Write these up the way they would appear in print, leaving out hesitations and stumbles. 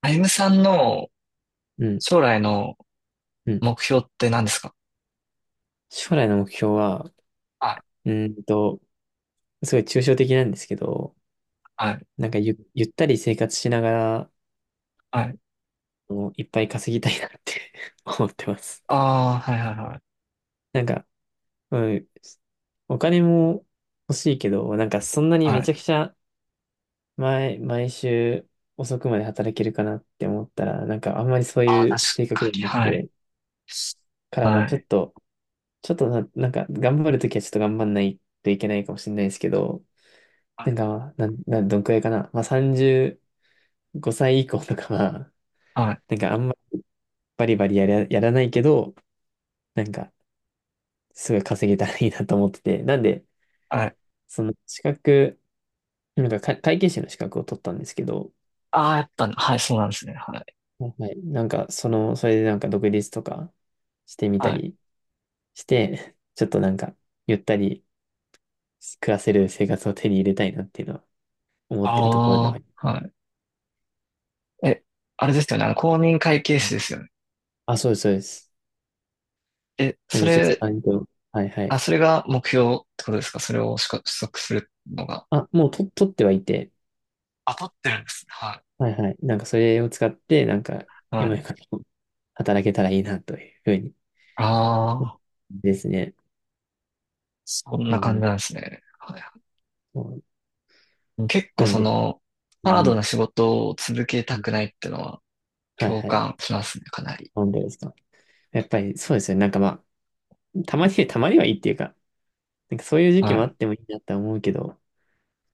あゆむさんのうん、将来のうん。目標って何ですか？将来の目標は、はい、うーんと、すごい抽象的なんですけど、はい、なんかゆったり生活しながら、はい。いっぱい稼ぎたいなって 思ってます。ああ、はい、はい、はい。なんか、うん、お金も欲しいけど、なんかそんなにめはちい。ゃくちゃ毎週遅くまで働けるかなって思ったら、なんかあんまりそうああ、い確う性格ではなかくに、はい。て、からまはあちょっい、と、なんか頑張るときはちょっと頑張んないといけないかもしれないですけど、はなんい、か、なん、なん、どんくらいかな。まあ、35歳以降とかは、はい。なんかあんまりバリバリやらないけど、なんか、すごい稼げたらいいなと思ってて。なんで、はい。その資格、なんか、会計士の資格を取ったんですけど、ああ、やっぱ、はい、そうなんですね。はい、はい。なんか、その、それでなんか独立とかしてみたはい。りして、ちょっとなんか、ゆったり暮らせる生活を手に入れたいなっていうのは思ってるところではああり。あ、はい。え、あれですよね。あの、公認会計士ですよね。あ、そうです、そうです。え、なんそで、ちょっと、れ、はい、はあ、い。それが目標ってことですか？それをしか取得するのが。あ、もうと、取ってはいて、あ、取ってるんですね。ははいはい。なんかそれを使って、なんか、い。は今い。よりも働けたらいいなというふうにああ、ですね。そんうな感じん。なんですね。はい。そう。結構、なんで、うハードん。な仕事を続けうたん、くないってのははい共はい。感しますね、かなり。なんでですか。やっぱりそうですよね。なんかまあ、たまにはいいっていうか、なんかそういう時期はもあい、ってもいいなって思うけど、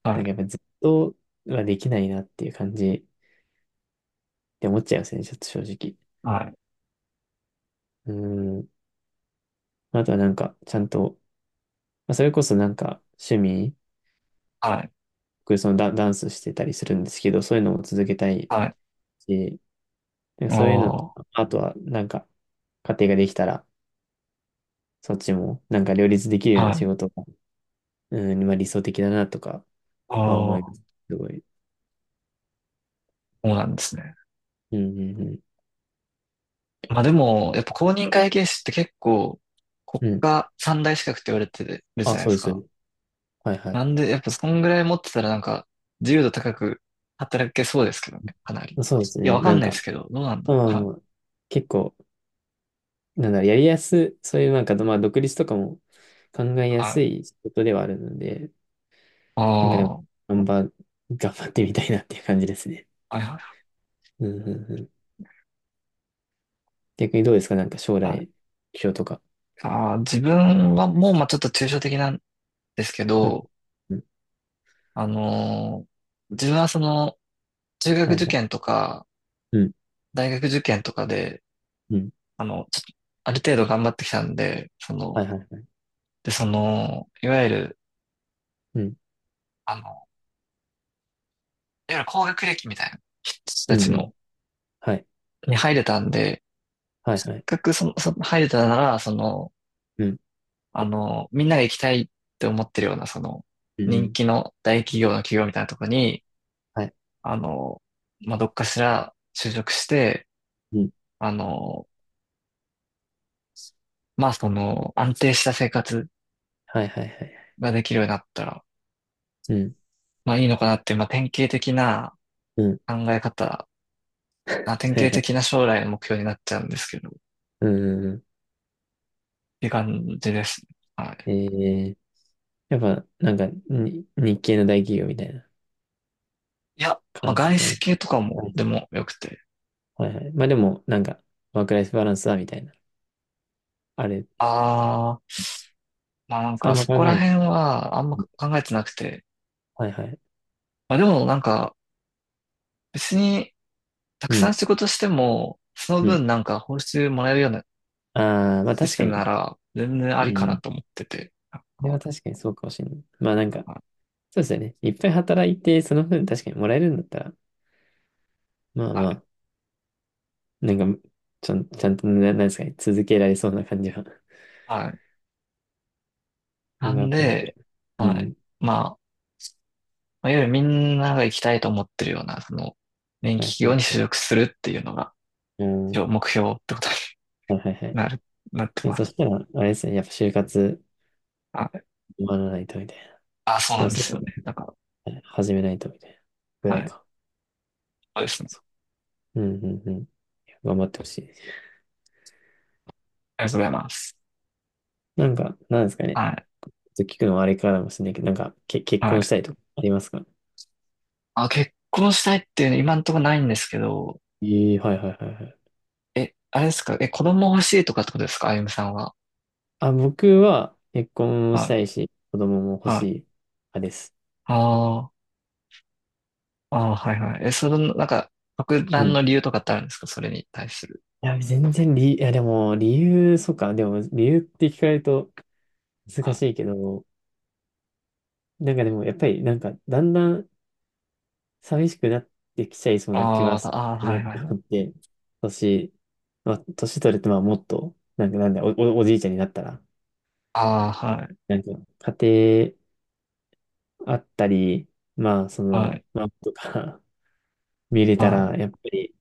はなんかい、やっぱずっとはできないなっていう感じって思っちゃいますね。ちょっと正直。はい、うん。あとはなんか、ちゃんと、まあ、それこそなんか趣味、はい、僕そのダンスしてたりするんですけど、そういうのも続けたいはい。し、でそういうのと、ああ、あとは、なんか、家庭ができたら、そっちも、なんか両立できるようはな仕い、事が、うん、まあ理想的だなとかああ、は思いまそす。すごい。うなんですね。うん、うん、うまあでも、やっぱ公認会計士って結構国ん。うん。家三大資格って言われてるじあ、ゃないそでうすでか。す。はい、はい。なんで、やっぱそんぐらい持ってたらなんか自由度高く働けそうですけどね、かなり。そうですいや、ね。わかなんんないでか、すけど、どうなんだ。まあまあはい、まあ、結構、なんだろう、やりやす、そういうなんか、まあ、独立とかも考えやはすい。い仕事ではあるので、あなんかであ、も、は頑張、頑張ってみたいなっていう感じですね。い、はい。うん、うん、うん。逆にどうですか？なんか将はい。来、目標とか。自分はもう、まあ、ちょっと抽象的なんですけうん、ど、うん。あのー自分はその、中学はい、は受い。験とか、うん。大学受験とかで、うん、あの、ちょっと、ある程度頑張ってきたんで、その、はいはいはい。で、その、いわゆる、うん。あの、いわゆる高学歴みたいな人たうちんうん。の、はい。に入れたんで、はいせっはい。かくその、入れたなら、その、うん。あの、みんなが行きたいって思ってるような、その、うんう人ん。気の大企業の企業みたいなところに、はい。あの、まあ、どっかしら就職して、うん。あの、まあその安定した生活はいはいはい。ができるようになったら、うん。まあいいのかなっていう、まあ典型的なうん。考え方、典はい型はい。的な将来の目標になっちゃうんですけど、っうんうんうていう感じですね。はい。ん。やっぱ、なんか、日系の大企業みたいないや、まあ感じで外すよ資ね。系とかもはい。でもよくて。はいはい。まあでも、なんか、ワークライフバランスだみたいな。あれ、ああ、まあなんあかんまそ考えこならい。辺はあんまうん、考えてなくて。はいはい。まあでもなんか別にたくうさんん。仕事しても、そのうん。分なんか報酬もらえるようなああ、まあシス確テかムなに。ら全然あうんりかうなん。と思ってて。なんそれか、は確かにそうかもしれない。まあなんか、そうですよね。いっぱい働いて、その分確かにもらえるんだったら、まあはい。まあ、なんか、ちゃんとねな、なんですかね、続けられそうな感じは。はい、うなん、やんっぱ、で、うはい。ん、まあ、まあいわゆるみんなが行きたいと思ってるような、その、電は気いは企業に就い。職するっていうのが、うん、一は応目標ってことにいはいはい。なる、なっいてや、まそす。したら、あれですね、やっぱ就活はい。終わらないとみたいな。あ、そうでなもんでそうですよね。だかすね始めないとみたいな。ぐら、らはいい。か。そうですね。そう。うんうんうん。頑張ってほしい。ありがとうございます。なんか、なんですかね。はい。ちょっと聞くのはあれからかもしれないけど、なんか、結は婚しい。たいとかありますか？あ、結婚したいっていうの今んとこないんですけど、ええ、はいはいはいはい。え、あれですか？え、子供欲しいとかってことですかあゆむさんは？あ、僕は結婚もはしたい。いし、子供も欲はしいい。派です。あーあー、はいはい。え、その、なんか、特う段のん、理由とかってあるんですかそれに対する？いや、全然理、いや、でも、理由、そうか、でも、理由って聞かれるとは難い、しいけど、なんかでも、やっぱり、なんか、だんだん寂しくなってきちゃいそうな気あはーすあー、るはないっはて思っい、て、年、まあ、年取ると、まあ、もっと、なんか、なんだ、おじいちゃんになったら、ああ、はい、なんか、家庭あったり、まあ、そはの、い、まあ、とか 見れたはい、ら、やっぱり、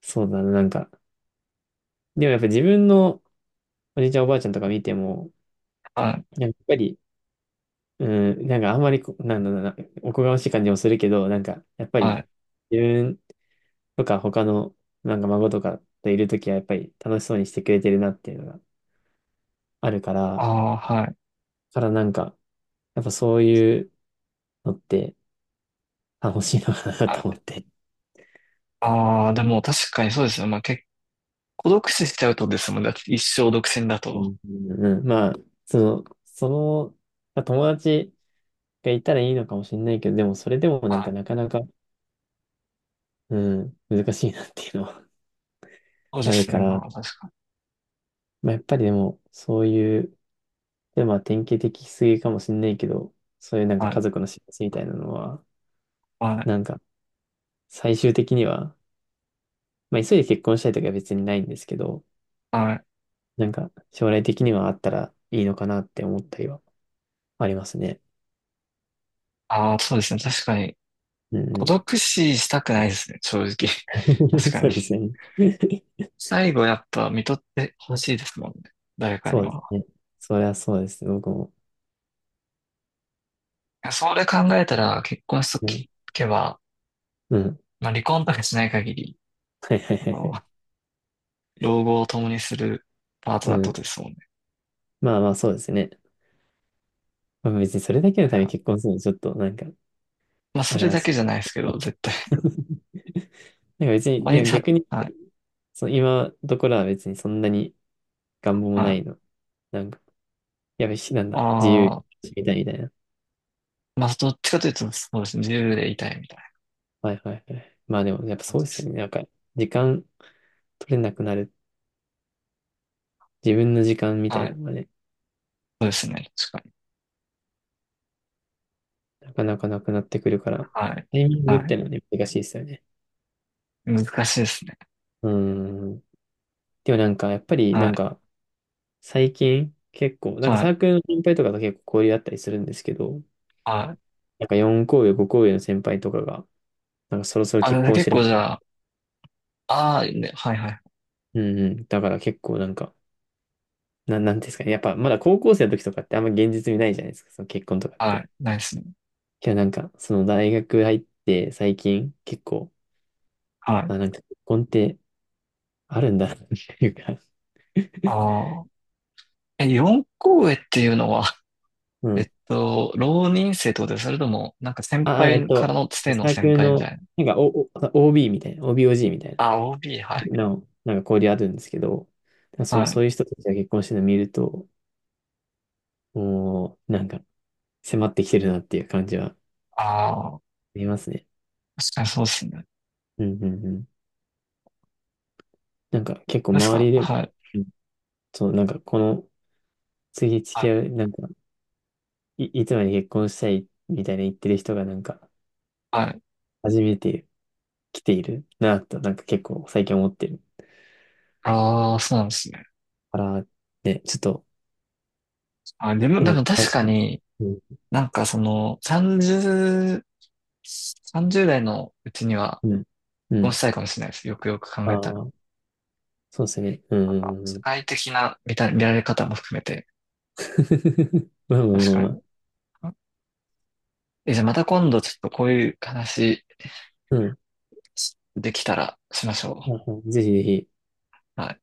そうだな、なんか、でもやっぱ自分のおじいちゃん、おばあちゃんとか見ても、はい、やっぱり、うん、なんかあんまりなんだろうな、おこがましい感じもするけど、なんか、やっぱはり、い、自分とか他の、なんか孫とかといるときは、やっぱり楽しそうにしてくれてるなっていうのがあるから、ああ、はい、なんか、やっぱそういうのって楽しいのかなはとい。思って。ああ、でも確かにそうですね。まあ結構独死しちゃうとですもんね。だって一生独占だうと。ん、うんうん、まあ、その、まあ友達がいたらいいのかもしれないけど、でもそれでもなんはかい。なかなか、うん、難しいなっていうのはそうであるすかね。ら、まあ確かに。まあ、やっぱりでも、そういう、で、まあ、典型的すぎかもしんないけど、そういうなんかは家い、族の幸せみたいなのは、はい、なんか、最終的には、まあ、急いで結婚したいとかは別にないんですけど、はい。なんか、将来的にはあったらいいのかなって思ったりはありますね。ああ、そうですね。確かに。うんう孤ん。独死したくないですね。正直。確 かそに。うですね。最後やっぱ看取ってほしいですもんね。誰かにそうですは。ね。そりゃそうですね。僕も。いやそれ考えたら結婚しとうん。けば、うん まあ離婚とかしない限り、はいはいあはいはの、い。老後を共にするパートうナーとん。ですもんね。まあまあ、そうですね。まあ、別にそれだけのはい、ためにはい。結婚するのちょっと、なんか、まあ、そあれれだだし。けじゃないですけど、絶対。なんか別に、毎でも逆に、あ、はい、その今どころは別にそんなに願望もはないい。の。なんか、やべし、なんだ、自由にああ、してみたいみたいな。まあ、どっちかというと、そうですね。自由でいたいみたいなはいはいはい。まあでも、やっぱ感そうじでですよす。ね。なんか、時間取れなくなる。自分の時間みたはいない。のがね、そうですね。確かに。なかなかなくなってくるから、はい。タイミングっはい。てのはね、難しいですよね。難しいですね。うーん。でもなんか、やっぱりはなんい。か、最近結構、なんかはサい。ークルの先輩とかと結構交流あったりするんですけど、はい。なんか4校上、5校上の先輩とかが、なんかそろそろあ、結で婚し結ら、構じゃあ、ああ、ね、はいはい。うんうん。だから結構なんか、なんていうんですかね。やっぱまだ高校生の時とかってあんま現実味ないじゃないですか。その結婚とかっはて。い。ないですね。けどなんか、その大学入って最近結構、はい。あ、なんか結婚ってあるんだなっていうか ああ。え、四校へっていうのは、う ん。浪人生ってことです。それとも、なんか先輩からのつサてのーク先ル輩みたの、いな？なんか、OB みたいな、OBOG みたいあ、OB、はな、い。の、なんか交流あるんですけど、はい。そういう人たちが結婚してるの見ると、もう、なんか、迫ってきてるなっていう感じはあああ、りますね。確かにそうですね。うんうんうん。なんか、結構です周かりでも、はい。そう、なんかこの、次付はき合い。う、なんか、いつまで結婚したいみたいな言ってる人がなんか、はい。初めて来ているなぁと、なんか結構最近思ってるああ、そうなんですね。から、ね、ちょっと、あ、でも、なんなか、んかあ確かそう、に、うん、なんかその、30代のうちにはうん、結う婚ん、したいかもしれないです。よくよく考あえあ、たら。そうですね、うん、うんうん社うん 会的な見られ方も含めて。まあまあ確まあかまあ、に。え、じゃあまた今度ちょっとこういう話うん、できたらしましょまあぜひぜひ。う。はい。